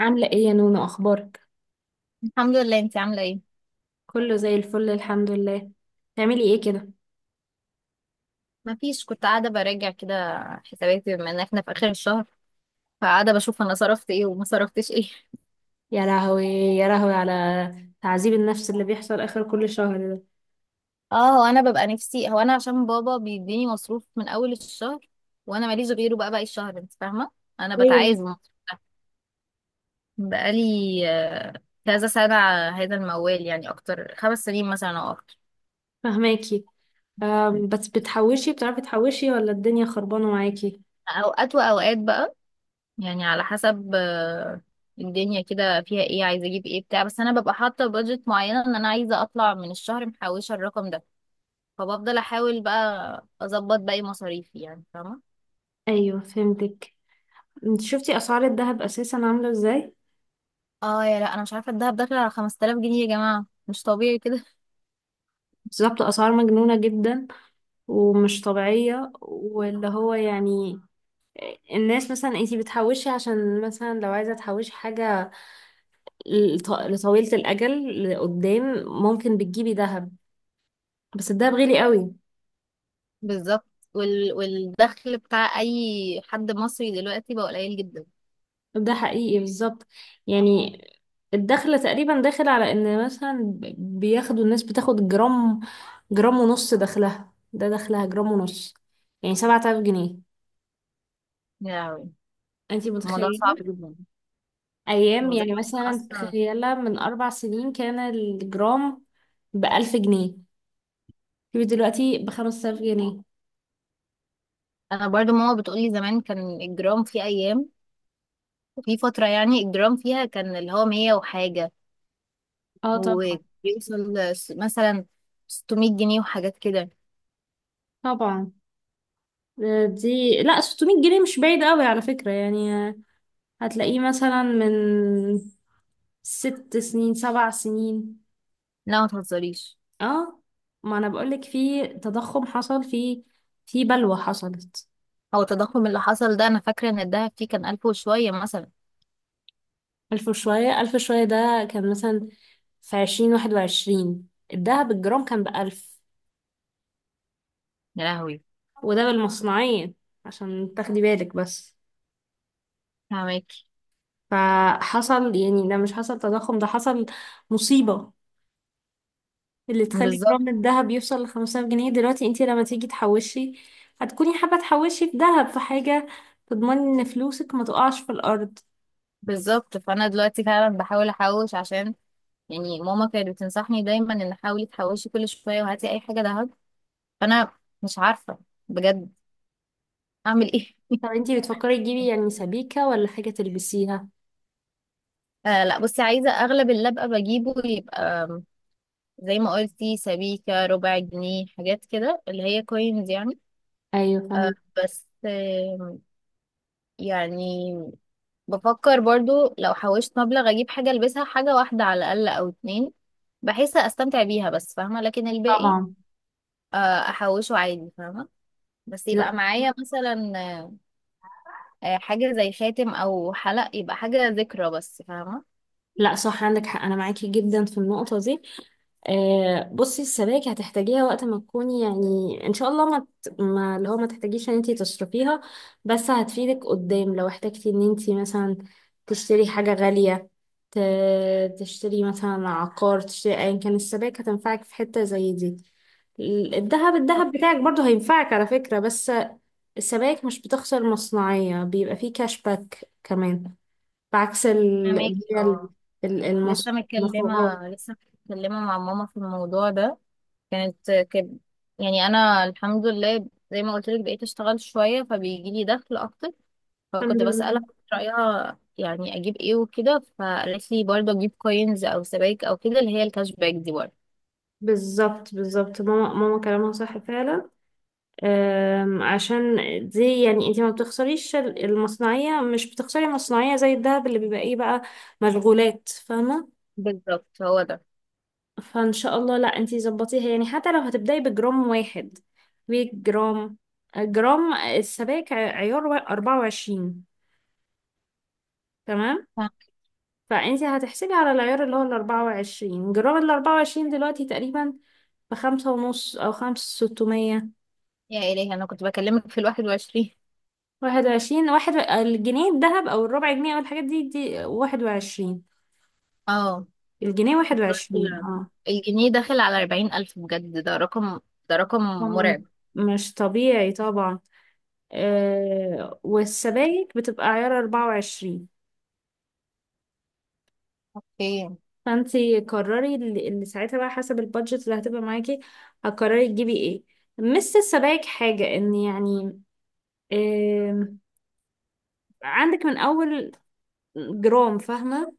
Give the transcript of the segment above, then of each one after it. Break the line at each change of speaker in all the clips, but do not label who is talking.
عاملة ايه يا نونو؟ اخبارك؟
الحمد لله. انت عامله ايه؟
كله زي الفل الحمد لله. تعملي ايه كده؟
ما فيش، كنت قاعده براجع كده حساباتي، بما ان احنا في اخر الشهر، فقاعده بشوف انا صرفت ايه وما صرفتش ايه.
يا لهوي يا لهوي على تعذيب النفس اللي بيحصل اخر كل شهر ده!
اه، هو انا ببقى نفسي، هو انا عشان بابا بيديني مصروف من اول الشهر وانا ماليش غيره بقى باقي الشهر، انت فاهمه. انا
ايوه،
بتعايز مصروف. بقالي آه، كذا سنه على هذا الموال، يعني اكتر 5 سنين مثلا او اكتر.
فهماكي. بس بتحوشي؟ بتعرفي تحوشي ولا الدنيا خربانة معاكي؟
اوقات واوقات بقى، يعني على حسب الدنيا كده فيها ايه، عايزه اجيب ايه بتاع، بس انا ببقى حاطه بادجت معينه ان انا عايزه اطلع من الشهر محوشه الرقم ده، فبفضل احاول بقى اظبط باقي مصاريفي يعني فاهمه.
ايوه، فهمتك. انت شفتي اسعار الذهب اساسا عاملة ازاي؟
اه يا لا، انا مش عارفه، الدهب داخل على 5000 جنيه يا جماعه، مش طبيعي كده.
بالظبط. اسعار مجنونة جدا ومش طبيعية، واللي هو يعني الناس مثلا انتي بتحوشي عشان مثلا لو عايزة تحوشي حاجة لطويلة الأجل لقدام، ممكن بتجيبي ذهب. بس الذهب غالي قوي.
بالظبط. والدخل بتاع اي حد مصري دلوقتي بقى قليل جدا.
ده حقيقي بالظبط. يعني الدخل تقريبا داخل على ان مثلا بياخدوا الناس بتاخد جرام، جرام ونص. دخلها ده دخلها جرام ونص، يعني 7000 جنيه.
يا لهوي،
انتي
الموضوع
متخيلة؟
صعب جدا.
أيام يعني
وزمان
مثلا
اصلا،
تخيلة، من 4 سنين كان الجرام بـ1000 جنيه، دلوقتي بـ5000 جنيه.
انا برضو ماما بتقولي زمان كان الجرام في ايام، في فترة يعني الجرام فيها كان اللي هو مية وحاجة،
اه، طبعا
وبيوصل مثلا 600 جنيه وحاجات كده.
طبعا. دي لا، 600 جنيه مش بعيد قوي على فكرة يعني. هتلاقيه مثلا من 6 سنين، 7 سنين.
لا ما تهزريش.
اه، ما انا بقولك في تضخم حصل، في بلوى حصلت.
هو التضخم اللي حصل ده، أنا فاكرة إن الدهب فيه كان ألف وشوية مثلا.
ألف وشوية، ألف وشوية ده كان مثلا في 2020 - 2021، الدهب الجرام كان بـ1000.
يا لهوي.
وده بالمصنعية، عشان تاخدي بالك بس.
فاهمك.
فحصل، يعني ده مش حصل تضخم، ده حصل مصيبة اللي تخلي
بالظبط
جرام الذهب يوصل لـ5000 جنيه دلوقتي. انتي لما تيجي تحوشي، هتكوني حابة تحوشي في ذهب، في حاجة تضمني ان فلوسك ما تقعش في الأرض.
بالظبط. فأنا دلوقتي فعلا بحاول أحوش عشان، يعني ماما كانت بتنصحني دايما إن حاولي تحوشي كل شوية وهاتي أي حاجة دهب. فأنا مش عارفة بجد أعمل إيه.
طب انتي بتفكري تجيبي يعني سبيكة ولا حاجة تلبسيها؟
آه لا، بصي، عايزة أغلب اللي أبقى بجيبه يبقى زي ما قلتي، سبيكة ربع جنيه حاجات كده اللي هي كوينز يعني.
ايوه فاهمك.
بس يعني بفكر برضو لو حوشت مبلغ اجيب حاجة البسها، حاجة واحدة على الاقل او اتنين، بحيث استمتع بيها بس فاهمة. لكن الباقي
طبعا.
احوشه عادي فاهمة. بس يبقى
لا،
معايا مثلا حاجة زي خاتم او حلق، يبقى حاجة ذكرى بس فاهمة.
لا صح، عندك حق انا معاكي جدا في النقطة دي. بصي، السبايك هتحتاجيها وقت ما تكوني يعني ان شاء الله ما اللي هو ما تحتاجيش ان انتي تصرفيها. بس هتفيدك قدام لو احتاجتي ان انتي مثلا تشتري حاجة غالية، ت... تشتري مثلا عقار، تشتري ايا كان. السبائك هتنفعك في حتة زي دي. الذهب
طب
الذهب بتاعك برضو هينفعك على فكرة، بس السبائك مش بتخسر مصنعية، بيبقى فيه كاش باك كمان، بعكس اللي
فاهماكي
هي
اه.
ال- المص-
لسه
المصبغات.
متكلمة لسه متكلمة مع ماما في الموضوع ده، كانت كده يعني. انا الحمد لله زي ما قلت لك بقيت اشتغل شويه، فبيجي لي دخل اكتر،
الحمد
فكنت بسالها
لله.
رايها يعني اجيب ايه وكده. فقالت لي برضه اجيب كوينز او سبائك او كده اللي هي الكاش باك دي برضه.
بالظبط، بالظبط، ماما ماما كلامها صح فعلا. عشان دي يعني انت ما بتخسريش المصنعية، مش بتخسري مصنعية زي الدهب اللي بيبقى ايه بقى، مشغولات، فاهمة؟
بالظبط، هو ده.
فان شاء الله، لا انت ظبطيها يعني، حتى لو هتبدأي بجرام واحد، بجرام. جرام السبائك عيار 24. تمام؟
ف-
فانت هتحسبي على العيار اللي هو ال 24. جرام ال 24 دلوقتي تقريبا بخمسة ونص او خمسة ستمية،
يا الهي، انا كنت بكلمك في 21.
21، الجنيه الذهب او الربع جنيه او الحاجات دي 21.
اه،
الجنيه 21، اه.
الجنيه داخل على 40,000، بجد ده رقم، ده رقم
رقم
مرعب.
مش طبيعي طبعا. والسبائك بتبقى عيار 24.
اوكي.
فانتي قرري اللي ساعتها بقى، حسب البادجت اللي هتبقى معاكي، هتقرري تجيبي ايه. مس السبائك حاجة، ان يعني آه عندك من اول جرام، فاهمة؟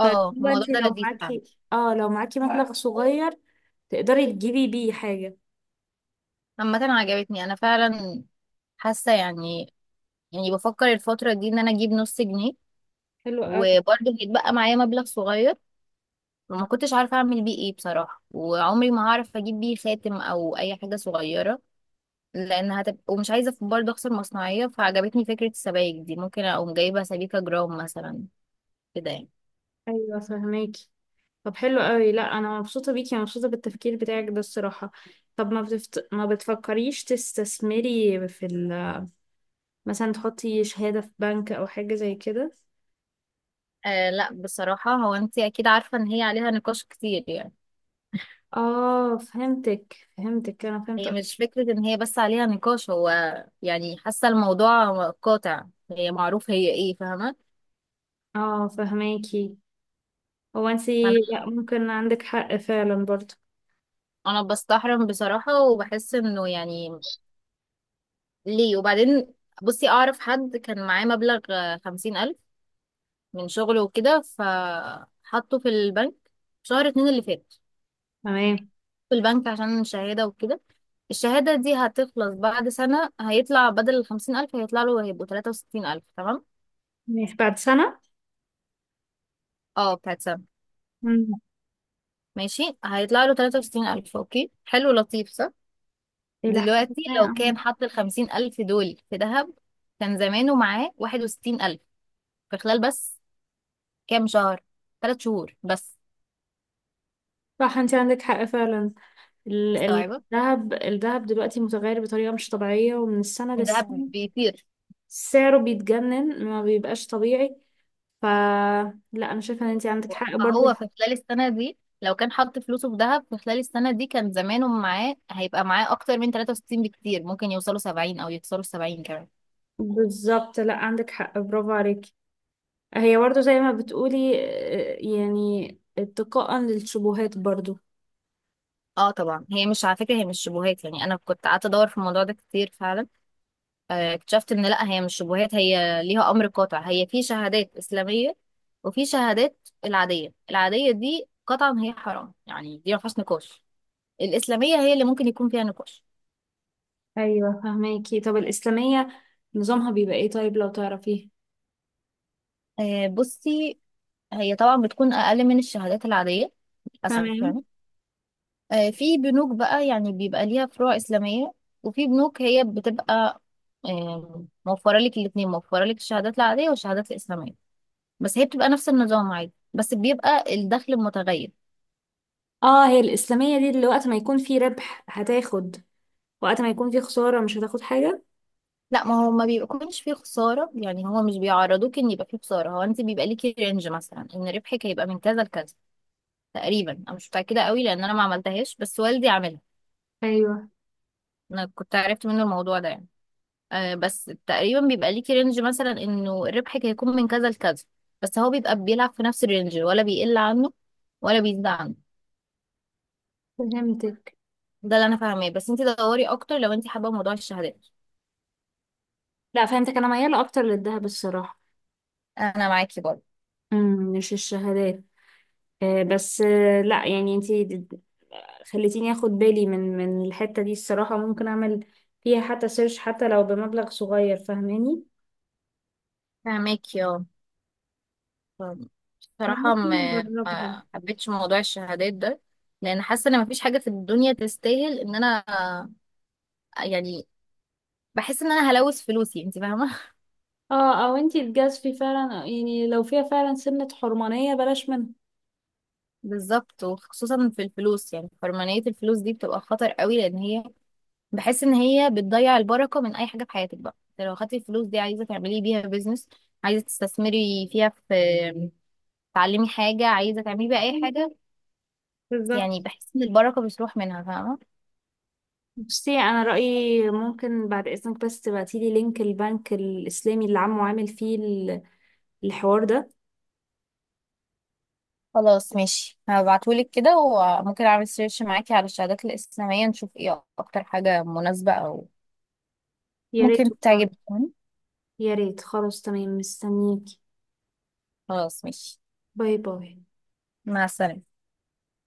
اه، الموضوع
فانتي
ده لذيذ فعلا.
لو معاكي مبلغ صغير، تقدري تجيبي بيه حاجة.
عامة عجبتني أنا فعلا، حاسة يعني، يعني بفكر الفترة دي ان انا اجيب نص جنيه،
حلو قوي.
وبرضه هيتبقى معايا مبلغ صغير وما كنتش عارفة اعمل بيه ايه بصراحة، وعمري ما هعرف اجيب بيه خاتم او اي حاجة صغيرة لان هتبقى، ومش عايزة برضه اخسر مصنعية. فعجبتني فكرة السبائك دي، ممكن اقوم جايبة سبيكة جرام مثلا كده يعني.
ايوه فهماكي. طب حلو قوي. لا انا مبسوطه بيكي، مبسوطه بالتفكير بتاعك ده الصراحه. طب ما بتفكريش تستثمري في مثلا تحطي شهاده في بنك او حاجه زي كده؟
آه لا بصراحة، هو انت اكيد عارفة ان هي عليها نقاش كتير يعني.
اه، فهمتك فهمتك، انا فهمت
هي
أكتر.
مش فكرة ان هي بس عليها نقاش، هو يعني حاسة الموضوع قاطع، هي معروف هي ايه فاهمة.
اه فهماكي. هو انتي، لا، ممكن عندك حق فعلا برضه.
انا بستحرم بصراحة وبحس انه يعني ليه، وبعدين بصي اعرف حد كان معاه مبلغ 50,000 من شغله وكده، فحطه في البنك شهر اتنين اللي فات،
تمام،
في البنك عشان شهادة وكده. الشهادة دي هتخلص بعد سنة، هيطلع بدل 50,000 هيطلع له، هيبقوا 63,000 تمام.
ماشي بعد سنه.
اه بتاعت سنة،
مم.
ماشي هيطلع له 63,000، اوكي حلو لطيف صح.
الى حد
دلوقتي
ما،
لو
آه.
كان حط 50,000 دول في ذهب، كان زمانه معاه 61,000 في خلال بس كام شهر، 3 شهور بس.
صح انتي عندك حق فعلا. ال- ال-
مستوعبة.
الذهب الذهب دلوقتي متغير بطريقة مش طبيعية، ومن السنة
الذهب
للسنة
بيطير.
سعره بيتجنن، ما بيبقاش طبيعي. ف لا انا شايفه ان انت عندك حق برضو.
هو في خلال السنة دي، لو كان حط فلوسه في ذهب في خلال السنة دي، كان زمانه معاه، هيبقى معاه أكتر من 63 بكتير، ممكن يوصلوا 70 أو يوصلوا 70 كمان.
بالظبط، لا عندك حق، برافو عليكي. هي برضو زي ما بتقولي، يعني اتقاء للشبهات برضو.
اه طبعا، هي مش على فكرة هي مش شبهات يعني، أنا كنت قعدت أدور في الموضوع ده كتير فعلا. اكتشفت إن لأ هي مش شبهات، هي ليها أمر قاطع، هي في شهادات إسلامية وفي شهادات العادية. العادية دي قطعا هي حرام يعني، دي ما فيهاش نقاش. الإسلامية هي اللي ممكن يكون فيها نقاش.
ايوه فهماكي. طب الاسلاميه نظامها بيبقى ايه طيب، لو تعرفيه؟
بصي، هي طبعا بتكون أقل من الشهادات العادية للأسف
تمام.
يعني. في بنوك بقى يعني بيبقى ليها فروع إسلامية، وفي بنوك هي بتبقى موفرة لك الاتنين، موفرة لك الشهادات العادية والشهادات الإسلامية، بس هي بتبقى نفس النظام عادي بس بيبقى الدخل متغير.
اه، هي الاسلاميه دي اللي وقت ما يكون في ربح هتاخد، وقت ما يكون في خساره مش هتاخد حاجه؟
لا، ما هو ما بيكونش فيه خسارة يعني، هو مش بيعرضوك ان يبقى فيه خسارة، هو انت بيبقى ليكي رينج مثلا ان ربحك هيبقى من كذا لكذا تقريبا. انا مش متأكدة قوي لان انا ما عملتهاش، بس والدي عملها.
ايوه
انا كنت عرفت منه الموضوع ده يعني. بس تقريبا بيبقى ليكي رينج مثلا انه ربحك هيكون من كذا لكذا، بس هو بيبقى بيلعب في نفس الرينج، ولا بيقل عنه ولا بيزيد عنه.
فهمتك.
ده اللي انا فاهماه، بس انت دوري اكتر لو انت حابه موضوع الشهادات.
لا فهمتك، انا مياله اكتر للذهب الصراحه.
انا معاكي برضه.
مش الشهادات. بس لا يعني انتي، خليتيني اخد بالي من الحته دي الصراحه، ممكن اعمل فيها حتى سيرش، حتى لو بمبلغ صغير، فاهماني؟
فاهماكي اه فاهمة.
احنا
بصراحه
ممكن
ما
نجربها.
ما حبيتش موضوع الشهادات ده، لان حاسه ان مفيش حاجه في الدنيا تستاهل ان انا يعني بحس ان انا هلوث فلوسي، انت فاهمه.
اه، او انتي تجازفي فعلا يعني، لو فيها فعلا سنه حرمانيه، بلاش منها.
بالظبط، وخصوصا في الفلوس، يعني حرمانية الفلوس دي بتبقى خطر قوي، لان هي بحس ان هي بتضيع البركه من اي حاجه في حياتك بقى. انت لو خدتي الفلوس دي عايزه تعملي بيها بيزنس، عايزه تستثمري فيها، في تعلمي حاجه، عايزه تعملي بيها اي حاجه، يعني
بالظبط.
بحس ان البركه بتروح منها فاهمه.
بصي انا رايي، ممكن بعد اذنك بس تبعتيلي لينك البنك الاسلامي اللي عمو عامل فيه الحوار ده.
خلاص ماشي، هبعتهولك كده، وممكن اعمل سيرش معاكي على الشهادات الاسلاميه نشوف ايه اكتر حاجه مناسبه، او
يا ريت،
ممكن تعجبك يعني.
يا ريت. خلاص تمام، مستنيك.
خلاص ماشي،
باي باي.
مع السلامه.